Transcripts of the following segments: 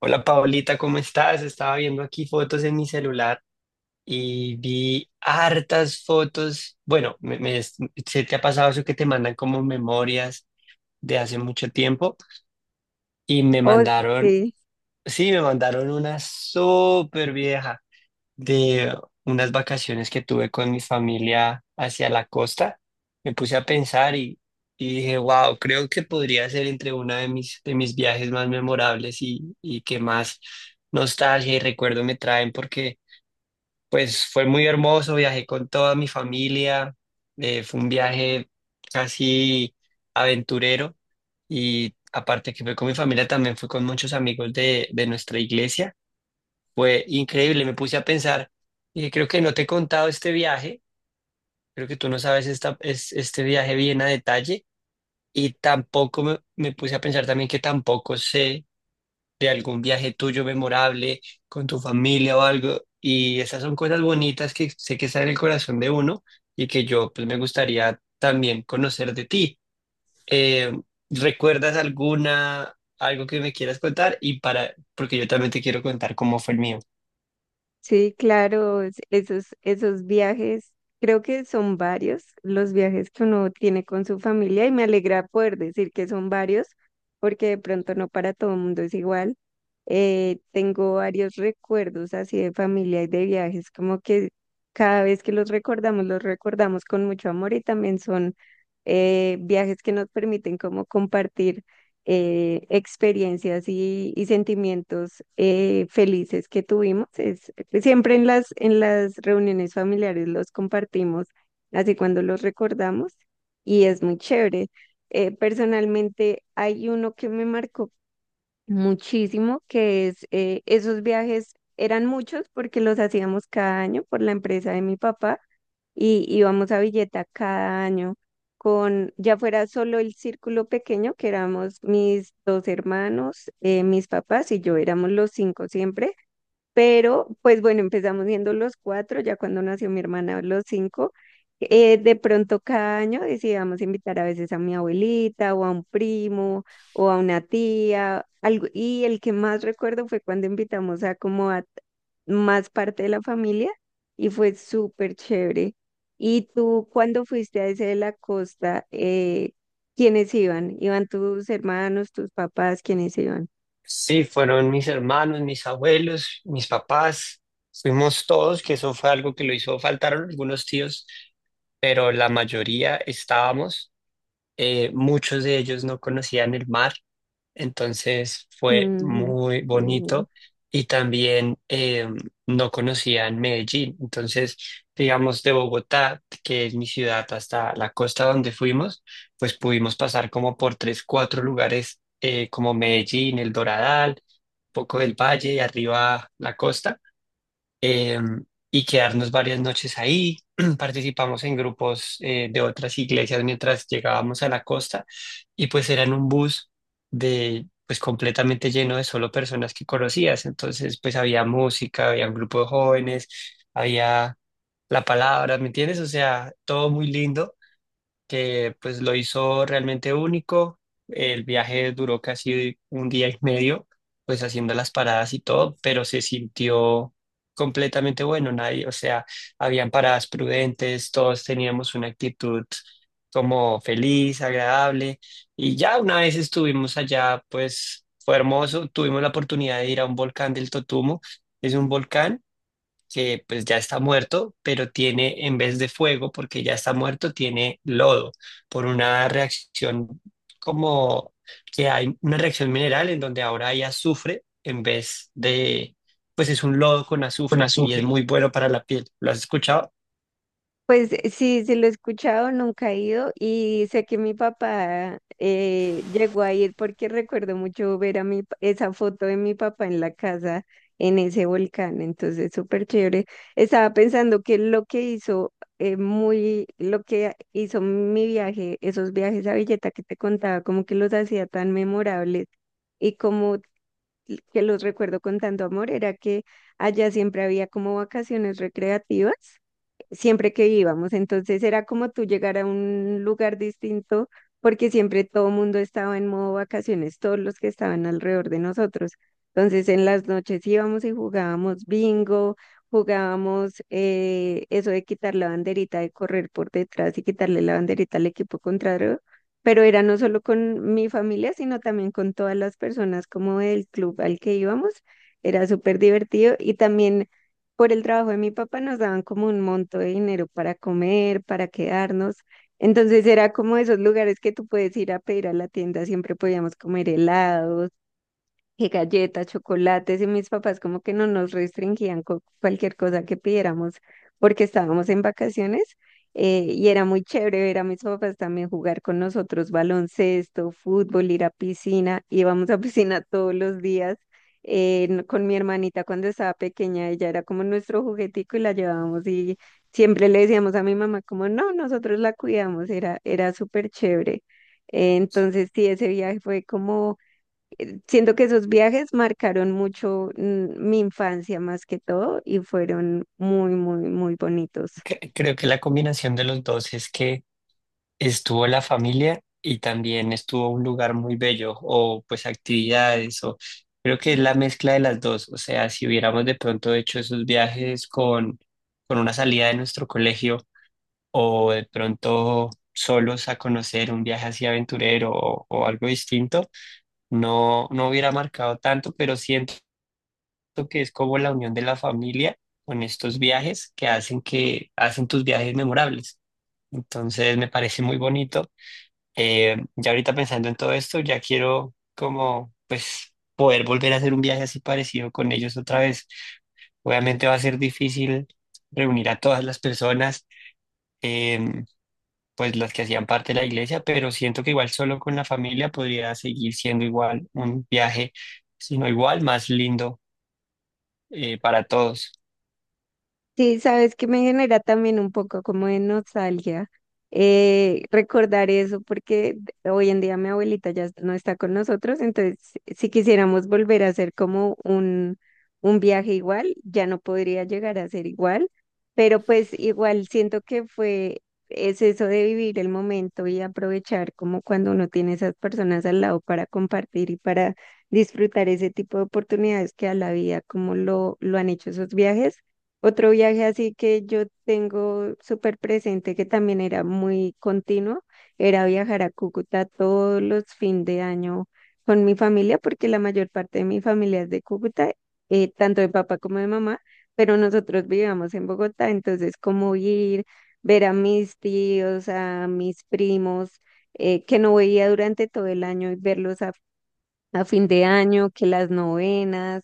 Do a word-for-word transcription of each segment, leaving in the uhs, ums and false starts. Hola Paulita, ¿cómo estás? Estaba viendo aquí fotos en mi celular y vi hartas fotos. Bueno, me, me- se te ha pasado eso que te mandan como memorias de hace mucho tiempo y me Oh, mandaron, sí, sí, me mandaron una súper vieja de unas vacaciones que tuve con mi familia hacia la costa. Me puse a pensar y, y dije, wow, creo que podría ser entre uno de mis, de mis viajes más memorables y, y que más nostalgia y recuerdo me traen, porque pues fue muy hermoso, viajé con toda mi familia. Eh, fue un viaje casi aventurero, y aparte que fue con mi familia, también fue con muchos amigos de, de nuestra iglesia. Fue increíble, me puse a pensar y creo que no te he contado este viaje, creo que tú no sabes esta, es, este viaje bien a detalle. Y tampoco me, me puse a pensar también que tampoco sé de algún viaje tuyo memorable con tu familia o algo, y esas son cosas bonitas que sé que están en el corazón de uno y que yo pues me gustaría también conocer de ti. Eh, ¿Recuerdas alguna, algo que me quieras contar? Y para, porque yo también te quiero contar cómo fue el mío. sí, claro, es- esos, esos viajes, creo que son varios los viajes que uno tiene con su familia y me alegra poder decir que son varios, porque de pronto no para todo el mundo es igual. Eh, tengo varios recuerdos así de familia y de viajes, como que cada vez que los recordamos, los recordamos con mucho amor y también son eh, viajes que nos permiten como compartir, eh, experiencias y, y sentimientos eh, felices que tuvimos. Es, siempre en las, en las reuniones familiares los compartimos, así cuando los recordamos, y es muy chévere. Eh, personalmente hay uno que me marcó muchísimo, que es eh, esos viajes eran muchos porque los hacíamos cada año por la empresa de mi papá y íbamos a Villeta cada año con, ya fuera solo el círculo pequeño, que éramos mis dos hermanos, eh, mis papás y yo, éramos los cinco siempre, pero, pues bueno, empezamos siendo los cuatro, ya cuando nació mi hermana, los cinco. Eh, de pronto cada año decidíamos invitar a veces a mi abuelita o a un primo o a una tía, algo. Y el que más recuerdo fue cuando invitamos a como a más parte de la familia y fue súper chévere. ¿Y tú cuando fuiste a ese de la costa, eh, quiénes iban? ¿Iban tus hermanos, tus papás? ¿Quiénes iban? Sí, fueron mis hermanos, mis abuelos, mis papás, fuimos todos, que eso fue algo que lo hizo. Faltaron algunos tíos, pero la mayoría estábamos. Eh, muchos de ellos no conocían el mar, entonces fue Mm, muy qué bien. bonito. Y también eh, no conocían Medellín. Entonces digamos, de Bogotá, que es mi ciudad, hasta la costa donde fuimos, pues pudimos pasar como por tres, cuatro lugares. Eh, como Medellín, El Doradal, poco del valle y arriba la costa, eh, y quedarnos varias noches ahí. Participamos en grupos eh, de otras iglesias mientras llegábamos a la costa, y pues era en un bus de pues completamente lleno de solo personas que conocías. Entonces pues había música, había un grupo de jóvenes, había la palabra, ¿me entiendes? O sea, todo muy lindo, que pues lo hizo realmente único. El viaje duró casi un día y medio, pues haciendo las paradas y todo, pero se sintió completamente bueno. Nadie, o sea, habían paradas prudentes, todos teníamos una actitud como feliz, agradable. Y ya una vez estuvimos allá, pues fue hermoso, tuvimos la oportunidad de ir a un volcán del Totumo. Es un volcán que pues ya está muerto, pero tiene, en vez de fuego, porque ya está muerto, tiene lodo, por una reacción, como que hay una reacción mineral en donde ahora hay azufre en vez de, pues es un lodo con Con azufre y es azufre. muy bueno para la piel. ¿Lo has escuchado? Pues eh, sí, sí lo he escuchado, nunca he ido y sé que mi papá eh, llegó a ir porque recuerdo mucho ver a mi, pa- esa foto de mi papá en la casa en ese volcán, entonces súper chévere. Estaba pensando que lo que hizo eh, muy, lo que hizo mi viaje, esos viajes a Villeta que te contaba, como que los hacía tan memorables y como que los recuerdo con tanto amor, era que allá siempre había como vacaciones recreativas siempre que íbamos. Entonces era como tú llegar a un lugar distinto porque siempre todo el mundo estaba en modo vacaciones, todos los que estaban alrededor de nosotros. Entonces en las noches íbamos y jugábamos bingo, jugábamos eh, eso de quitar la banderita, de correr por detrás y quitarle la banderita al equipo contrario. Pero era no solo con mi familia, sino también con todas las personas como del club al que íbamos. Era súper divertido y también por el trabajo de mi papá nos daban como un monto de dinero para comer, para quedarnos. Entonces era como esos lugares que tú puedes ir a pedir a la tienda, siempre podíamos comer helados, que galletas, chocolates, y mis papás como que no nos restringían con cualquier cosa que pidiéramos porque estábamos en vacaciones eh, y era muy chévere ver a mis papás también jugar con nosotros baloncesto, fútbol, ir a piscina, íbamos a piscina todos los días. Eh, n- con mi hermanita cuando estaba pequeña, ella era como nuestro juguetico y la llevábamos y siempre le decíamos a mi mamá como no, nosotros la cuidamos, era, era súper chévere. Eh, Entonces, sí, ese viaje fue como siento que esos viajes marcaron mucho mm, mi infancia más que todo y fueron muy, muy, muy bonitos. Cre- Creo que la combinación de los dos es que estuvo la familia y también estuvo un lugar muy bello o pues actividades, o creo que es la mezcla de las dos. O sea, si hubiéramos de pronto hecho esos viajes con, con una salida de nuestro colegio o de pronto solos a conocer un viaje así aventurero o, o algo distinto, no, no hubiera marcado tanto, pero siento que es como la unión de la familia con estos viajes que hacen, que hacen tus viajes memorables. Entonces me parece muy bonito. Eh, ya ahorita pensando en todo esto, ya quiero como pues poder volver a hacer un viaje así parecido con ellos otra vez. Obviamente va a ser difícil reunir a todas las personas, em, pues las que hacían parte de la iglesia, pero siento que igual solo con la familia podría seguir siendo igual un viaje, sino igual más lindo, eh, para todos. Sí, sabes que me genera también un poco como de nostalgia eh, recordar eso, porque d- hoy en día mi abuelita ya no está con nosotros, entonces si quisiéramos volver a hacer como un, un viaje igual, ya no podría llegar a ser igual, pero pues igual siento que fue, es eso de vivir el momento y aprovechar como cuando uno tiene esas personas al lado para compartir y para disfrutar ese tipo de oportunidades que a la vida como lo, lo han hecho esos viajes. Otro viaje así que yo tengo súper presente, que también era muy continuo, era viajar a Cúcuta todos los fin de año con mi familia, porque la mayor parte de mi familia es de Cúcuta, eh, tanto de papá como de mamá, pero nosotros vivíamos en Bogotá, entonces como ir, ver a mis tíos, a mis primos, eh, que no veía durante todo el año y verlos a fin de año, que las novenas,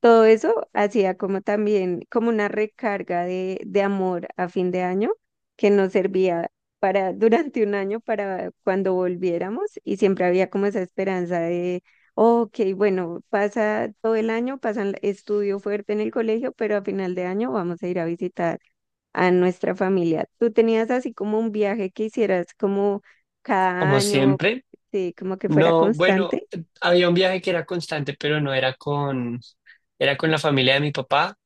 todo eso hacía como también, como una recarga de, de amor a fin de año que nos servía para durante un año para cuando volviéramos y siempre había como esa esperanza de, ok, bueno, pasa todo el año, pasan estudio fuerte en el colegio, pero a final de año vamos a ir a visitar a nuestra familia. ¿Tú tenías así como un viaje que hicieras como cada Como año, siempre, sí, como que fuera no, bueno, constante? había un viaje que era constante, pero no era con, era con la familia de mi papá.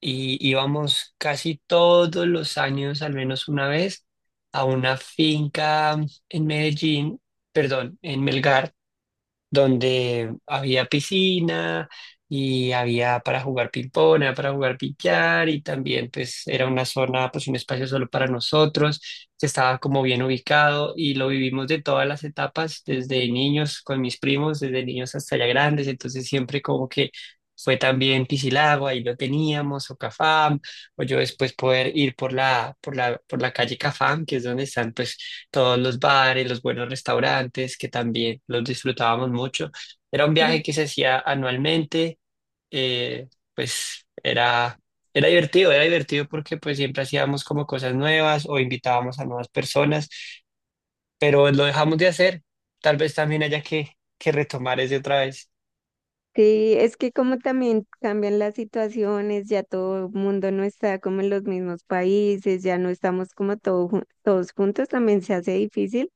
Y íbamos casi todos los años, al menos una vez, a una finca en Medellín, perdón, en Melgar, donde había piscina y había para jugar ping-pong, había para jugar billar, y también pues era una zona, pues un espacio solo para nosotros, que estaba como bien ubicado y lo vivimos de todas las etapas, desde niños con mis primos, desde niños hasta ya grandes. Entonces siempre como que fue también Piscilago, ahí lo teníamos, o Cafam, o yo después poder ir por la, por la, por la calle Cafam, que es donde están pues todos los bares, los buenos restaurantes, que también los disfrutábamos mucho. Era un Mm. viaje que se hacía anualmente. eh, pues era, era divertido, era divertido porque pues siempre hacíamos como cosas nuevas o invitábamos a nuevas personas, pero lo dejamos de hacer. Tal vez también haya que, que retomar ese otra vez. Sí, es que como también cambian las situaciones, ya todo el mundo no está como en los mismos países, ya no estamos como todo jun- todos juntos, también se hace difícil,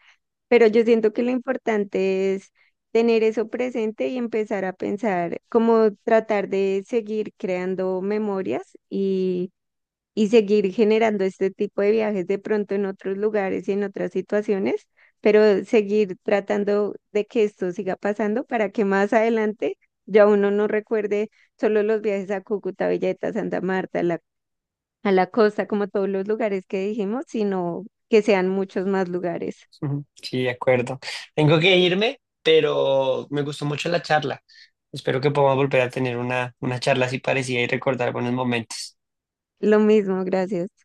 pero yo siento que lo importante es tener eso presente y empezar a pensar, como tratar de seguir creando memorias y seguir generando este tipo de viajes de pronto en otros lugares y en otras situaciones, pero seguir tratando de que esto siga pasando para que más adelante ya uno no recuerde solo los viajes a Cúcuta, Villeta, Santa Marta, a la, a la costa, como todos los lugares que dijimos, sino que sean muchos más lugares. Ujú. Sí, de acuerdo. Tengo que irme, pero me gustó mucho la charla. Espero que podamos volver a tener una, una charla así parecida y recordar buenos momentos. Lo mismo, gracias.